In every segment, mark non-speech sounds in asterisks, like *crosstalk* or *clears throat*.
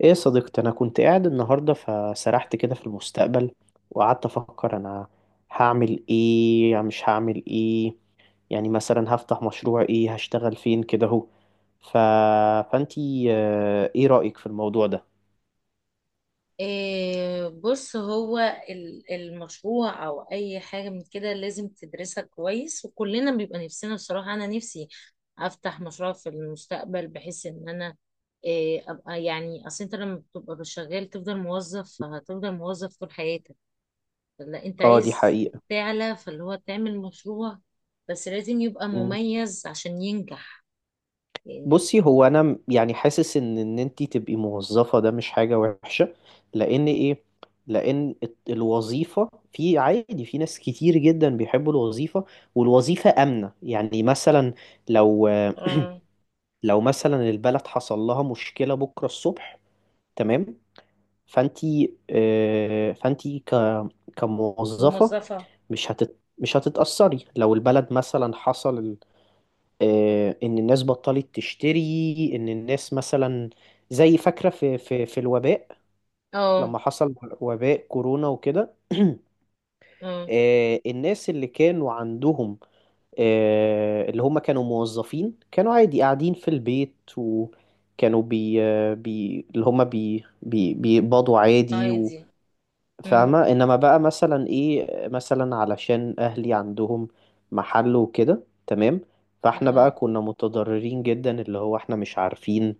ايه يا صديقتي، انا كنت قاعد النهارده فسرحت كده في المستقبل، وقعدت افكر انا هعمل ايه، يعني مش هعمل ايه، يعني مثلا هفتح مشروع ايه، هشتغل فين كده اهو. ف... فانتي، ايه رأيك في الموضوع ده؟ إيه، بص، هو المشروع او اي حاجه من كده لازم تدرسها كويس، وكلنا بيبقى نفسنا. بصراحه انا نفسي افتح مشروع في المستقبل بحيث ان انا ابقى، يعني اصل انت لما بتبقى شغال تفضل موظف، فهتفضل موظف طول حياتك. لا، انت اه، دي عايز حقيقة. تعلى، فاللي هو تعمل مشروع. بس لازم يبقى مميز عشان ينجح، يعني. بصي، هو انا يعني حاسس ان انت تبقي موظفه ده مش حاجه وحشه. لان ايه؟ لان الوظيفه في عادي، في ناس كتير جدا بيحبوا الوظيفه، والوظيفه امنه. يعني مثلا لو اه. لو مثلا البلد حصل لها مشكله بكره الصبح، تمام؟ فانت فانت كموظفه، موظفة. مش هتتاثري لو البلد مثلا حصل، ان الناس بطلت تشتري، ان الناس مثلا، زي فاكره في الوباء اه. لما حصل وباء كورونا وكده. *clears throat* اه. الناس اللي كانوا عندهم، اللي هم كانوا موظفين، كانوا عادي قاعدين في البيت، وكانوا بي آه، بي اللي هم بي بي بيقبضوا عادي، عادي. امم. فاهمة؟ انما بقى مثلا ايه، مثلا علشان اهلي عندهم محل وكده، تمام؟ فاحنا اه. بقى كنا متضررين جدا، اللي هو احنا مش عارفين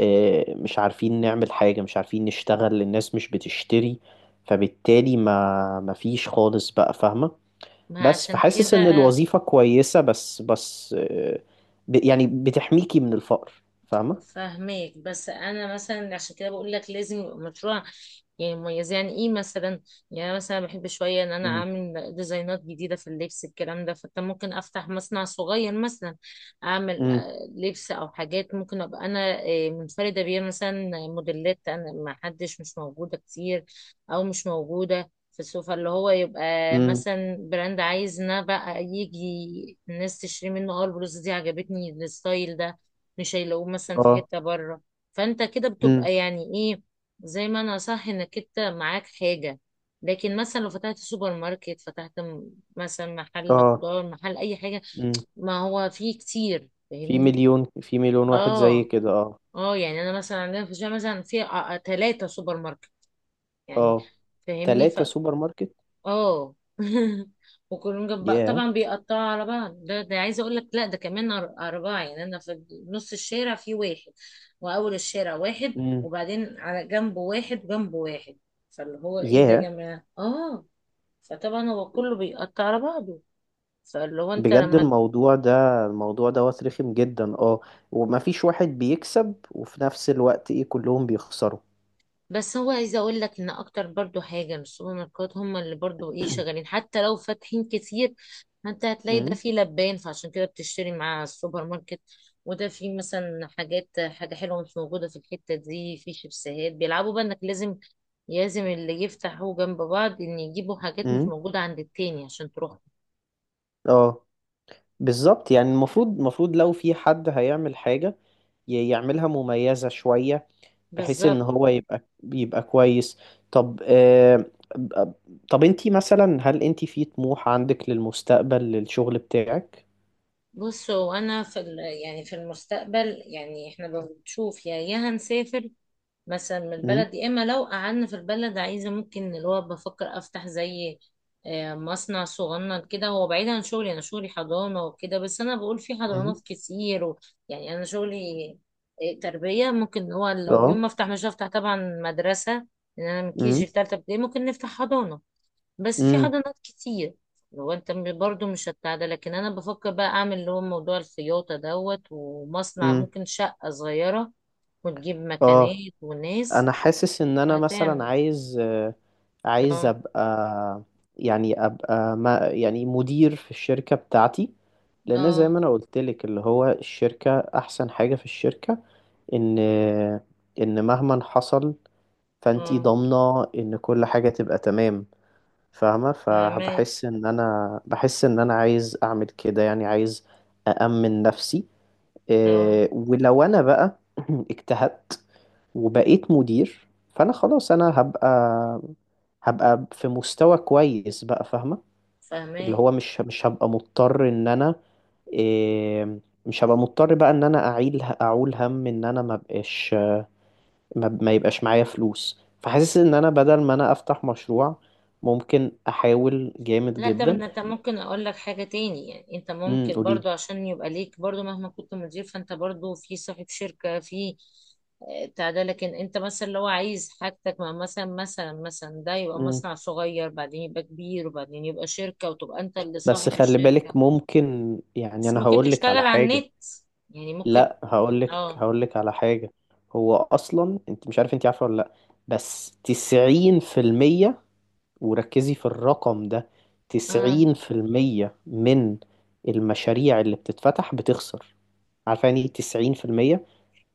اه مش عارفين نعمل حاجة، مش عارفين نشتغل، الناس مش بتشتري، فبالتالي ما فيش خالص بقى، فاهمة؟ ما بس عشان فحاسس كده. ان الوظيفة كويسة، بس يعني بتحميكي من الفقر، فاهمة؟ فاهماك، بس انا مثلا عشان كده بقول لك لازم يبقى مشروع، يعني مميز. يعني ايه مثلا؟ يعني أنا مثلا بحب شويه ان انا اعمل ديزاينات جديده في اللبس الكلام ده. فانت ممكن افتح مصنع صغير مثلا، اعمل امم. لبس او حاجات، ممكن ابقى انا منفرده بيها مثلا، موديلات انا ما حدش مش موجوده كتير، او مش موجوده في السوق. فاللي هو يبقى امم. مثلا براند، عايز ان أنا بقى يجي الناس تشتري منه. اه البلوزه دي عجبتني، الستايل ده مش هيلاقوه مثلا في اه. حتة بره. فانت كده امم. بتبقى يعني ايه زي ما انا، صح، انك انت معاك حاجة. لكن مثلا لو فتحت سوبر ماركت، فتحت مثلا محل اه. خضار، محل اي حاجة، ما هو فيه كتير، في فاهمني. مليون في مليون واحد زي اه. كده، اه، اه. يعني انا مثلا عندنا في الشارع مثلا في ثلاثة سوبر ماركت يعني، اه، فاهمني. 3 سوبر ماركت. اه *laughs* وكلهم جنب بعض، ياه. طبعا بيقطعوا على بعض. ده عايزه اقول لك، لا ده كمان اربعه. يعني انا في نص الشارع في واحد، واول الشارع واحد، امم. وبعدين على جنبه واحد، وجنبه واحد. فاللي هو ايه ده يا ياه. جماعه؟ اه. فطبعا هو كله بيقطع على بعضه. فاللي هو انت بجد لما. الموضوع ده، الموضوع دوت رخم جدا، اه، ومفيش واحد بيكسب، وفي نفس الوقت ايه، كلهم بيخسروا. بس هو عايزه اقول لك ان اكتر برضو حاجه، إن السوبر ماركت هم اللي برضو ايه شغالين *clears throat* حتى لو فاتحين كتير. انت هتلاقي ده امم. فيه لبان فعشان كده بتشتري مع السوبر ماركت، وده فيه مثلا حاجات، حاجه حلوه مش موجوده في الحته دي، في شيبسيهات. بيلعبوا بقى انك لازم، لازم اللي يفتحوا جنب بعض ان يجيبوا حاجات مش امم. موجوده عند التاني عشان تروح. اه. بالظبط، يعني المفروض لو في حد هيعمل حاجة يعملها مميزة شوية، بحيث ان بالظبط. هو يبقى كويس. طب، طب انتي مثلا، هل انتي في طموح عندك للمستقبل للشغل بتاعك؟ بصوا، انا في يعني في المستقبل، يعني احنا بنشوف يا هنسافر مثلا من امم. البلد، يا اما لو قعدنا في البلد عايزه ممكن اللي هو بفكر افتح زي مصنع صغنن كده. هو بعيد عن شغلي، انا شغلي حضانه وكده، بس انا بقول في حضانات امم. كتير و... يعني انا شغلي تربيه. ممكن هو لو يوم اه. ما افتح، مش هفتح طبعا مدرسه، لان انا من KG امم. لتالتة ابتدائي ممكن نفتح حضانه. بس في امم. حضانات كتير. لو انت برضو مش هتاع ده، لكن انا بفكر بقى اعمل اللي هو موضوع الخياطه دوت ومصنع، امم. ممكن شقه صغيره وتجيب اه، مكانات وناس. انا حاسس ان انا مثلا هتعمل. عايز، عايز اه. ابقى، يعني ابقى، ما يعني، مدير في الشركة بتاعتي. لان زي اه. ما انا قلت لك، اللي هو الشركة احسن حاجة في الشركة، ان ان مهما حصل، فانتي اه. ضامنة ان كل حاجة تبقى تمام، فاهمة؟ فاهماه. فبحس ان انا بحس ان انا عايز اعمل كده، يعني عايز أأمن نفسي. اه. ولو انا بقى *clears throat* اجتهدت وبقيت مدير، فانا خلاص انا هبقى في مستوى كويس بقى، فاهمة؟ فاهماه. اللي هو مش هبقى مضطر ان انا، إيه، مش هبقى مضطر بقى ان انا اعيل، اعول هم ان انا ما بقاش، ما يبقاش معايا فلوس. فحاسس ان انا بدل ما انا افتح مشروع، ممكن احاول جامد لا، طب جدا. إن انت، ممكن اقول لك حاجة تاني. يعني انت امم، ممكن برضو، قوليلي. عشان يبقى ليك برضو مهما كنت مدير، فانت برضو في صاحب شركة في بتاع ده. لكن انت مثلا لو عايز حاجتك مع مثلا مثلا مثلا، ده يبقى امم. مصنع صغير، بعدين يبقى كبير، وبعدين يبقى شركة، وتبقى انت اللي بس صاحب خلي بالك، الشركة. ممكن يعني، بس انا ممكن هقولك على تشتغل على حاجة. النت، يعني ممكن. لا، هقولك اه. هقولك على حاجة. هو اصلا انت مش عارف، انت عارفة ولا لا؟ بس 90%، وركزي في الرقم ده، اه. 90% من المشاريع اللي بتتفتح بتخسر. عارفة يعني ايه 90%؟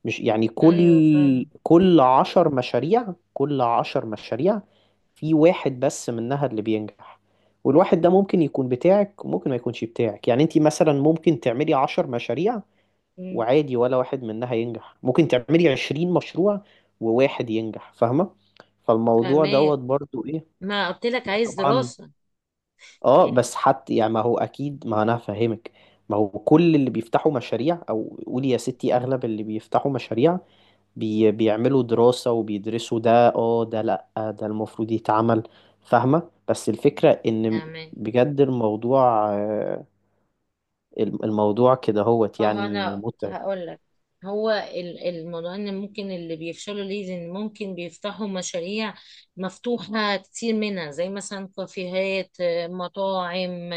مش يعني ايوه، كل فاهم. كل عشر مشاريع كل عشر مشاريع في واحد بس منها اللي بينجح، والواحد ده ممكن يكون بتاعك، وممكن ما يكونش بتاعك. يعني انت مثلا ممكن تعملي 10 مشاريع مم، وعادي ولا واحد منها ينجح، ممكن تعملي 20 مشروع وواحد ينجح، فاهمة؟ فالموضوع دوت فاهماك. برضو ايه؟ ما قلت لك عايز طبعا. دراسة اه، يعني. بس حتى يعني، ما هو اكيد، ما انا هفهمك. ما هو كل اللي بيفتحوا مشاريع، او قولي يا ستي، اغلب اللي بيفتحوا مشاريع بيعملوا دراسة وبيدرسوا ده، اه ده لأ ده المفروض يتعمل، فاهمة؟ بس الفكرة إن تمام. بجد الموضوع، الموضوع كده هوت اه، يعني انا متعب. هقول لك، هو الموضوع ان ممكن اللي بيفشلوا ليه، ان ممكن بيفتحوا مشاريع مفتوحة كتير، منها زي مثلا كافيهات، مطاعم،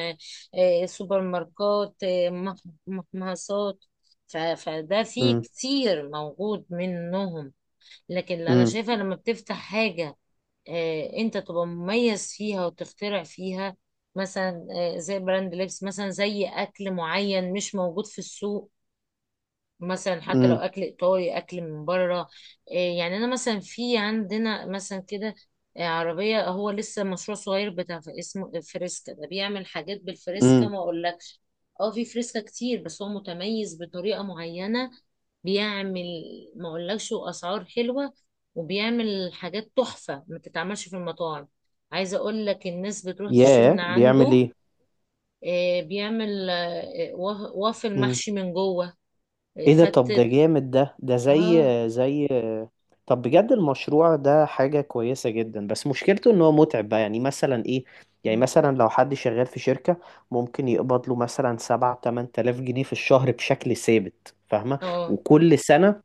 سوبر ماركات، محمصات. فده فيه امم. كتير موجود منهم. لكن اللي انا امم. شايفة لما بتفتح حاجة انت تبقى مميز فيها وتخترع فيها. مثلا زي براند لبس، مثلا زي اكل معين مش موجود في السوق، مثلا حتى لو امم. اكل ايطالي اكل من بره. إيه، يعني انا مثلا في عندنا مثلا كده عربيه، هو لسه مشروع صغير بتاع اسمه فريسكا. ده بيعمل حاجات بالفريسكا امم. ما اقولكش. اه في فريسكا كتير، بس هو متميز بطريقه معينه، بيعمل، ما اقولكش، واسعار حلوه، وبيعمل حاجات تحفه ما تتعملش في المطاعم. عايزه اقول لك الناس بتروح تشتري من ياه، بيعمل عنده. ايه؟ بيعمل آه، وافل إمم. محشي من جوه، ايه ده؟ طب ده فتة. جامد. ده زي اه. زي طب بجد المشروع ده حاجة كويسة جدا، بس مشكلته ان هو متعب بقى، يعني مثلا ايه، يعني مم. مثلا لو حد شغال في شركة ممكن يقبض له مثلا 7 أو 8 آلاف جنيه في الشهر بشكل ثابت، فاهمة؟ اه. وكل سنة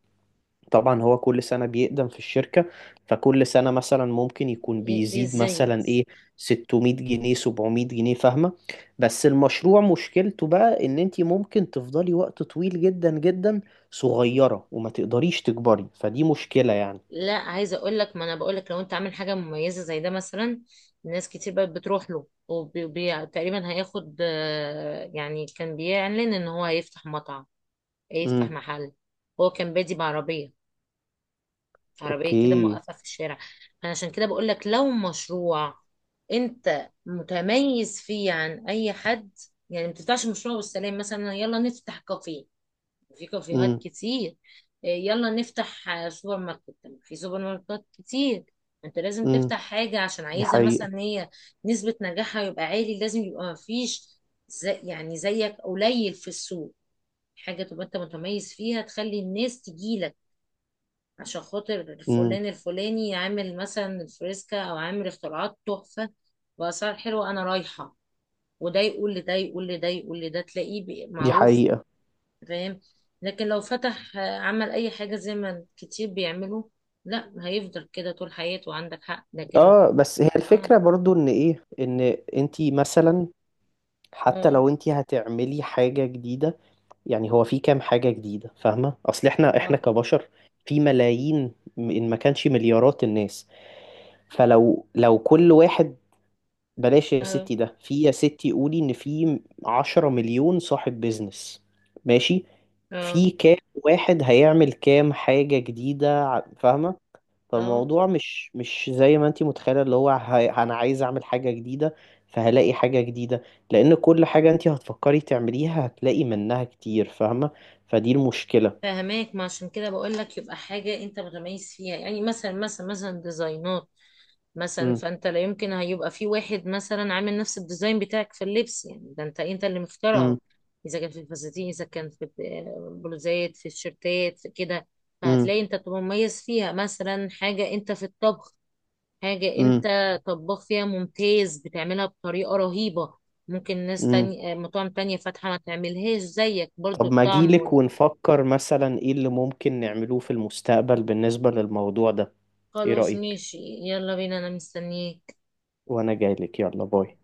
طبعا هو كل سنة بيقدم في الشركة، فكل سنة مثلا ممكن يكون بيزيد ازاي مثلا بس؟ ايه، 600 جنيه، 700 جنيه، فاهمة؟ بس المشروع مشكلته بقى ان انتي ممكن تفضلي وقت طويل جدا جدا صغيرة، وما تقدريش تكبري، فدي مشكلة يعني. لا، عايزه اقول لك، ما انا بقول لك لو انت عامل حاجه مميزه زي ده مثلا، ناس كتير بقت بتروح له، وتقريبا هياخد يعني كان بيعلن ان هو هيفتح مطعم، هيفتح امم. محل. هو كان بادي بعربيه، عربيه كده اوكي. موقفه في الشارع. انا عشان كده بقول لك لو مشروع انت متميز فيه عن اي حد، يعني ما بتفتحش مشروع والسلام، مثلا يلا نفتح كافيه وفي كافيهات امم. كتير. إيه، يلا نفتح سوبر ماركت، طب في سوبر ماركت كتير. انت لازم امم. تفتح حاجة، عشان دي عايزة حقيقة. مثلا هي نسبة نجاحها يبقى عالي، لازم يبقى مفيش زي، يعني زيك قليل في السوق. حاجة تبقى انت متميز فيها تخلي الناس تجيلك عشان خاطر امم. فلان الفلاني عامل مثلا الفريسكا، او عامل اختراعات تحفة بأسعار حلوة، انا رايحة. وده يقول لده يقول لده يقول لده تلاقيه دي معروف. حقيقة. فاهم. لكن لو فتح، عمل اي حاجه زي ما كتير بيعملوا، لا، هيفضل كده طول حياته. عندك حق، لكن. اه، بس هي اه. الفكرة برضو، ان ايه، ان انتي مثلا، حتى اه. لو انتي هتعملي حاجة جديدة، يعني هو في كام حاجة جديدة؟ فاهمة، اصل احنا اه. كبشر في ملايين، ان ما كانش مليارات الناس. فلو لو كل واحد، بلاش يا اه. ستي، ده في يا ستي قولي ان في 10 مليون صاحب بيزنس، ماشي، اه. في كام واحد هيعمل كام حاجة جديدة فاهمة؟ اه. فالموضوع مش زي ما انتي متخيلة، اللي هو انا عايز اعمل حاجة جديدة فهلاقي حاجة جديدة. لان كل حاجة انتي هتفكري تعمليها هتلاقي منها كتير، فاهمة؟ فدي المشكلة. فهماك. ما عشان كده بقول لك يبقى حاجه انت متميز فيها، يعني مثلا مثلا مثلا ديزاينات مثلا. مم. فانت لا يمكن هيبقى في واحد مثلا عامل نفس الديزاين بتاعك في اللبس، يعني ده انت اللي مخترعه. مم. اذا كان في الفساتين، اذا كان في البلوزات، في الشيرتات، في كده، مم. فهتلاقي انت بتبقى مميز فيها. مثلا حاجة انت في الطبخ، حاجة انت مم. طباخ فيها ممتاز بتعملها بطريقة رهيبة، ممكن ناس مم. تانية مطاعم تانية فاتحة ما تعملهاش زيك برضو طب ما الطعم اجيلك ونفكر مثلا ايه اللي ممكن نعملوه في المستقبل بالنسبة للموضوع ده. ايه خلاص رأيك؟ ماشي، يلا بينا، انا مستنيك. وانا جايلك، يلا باي.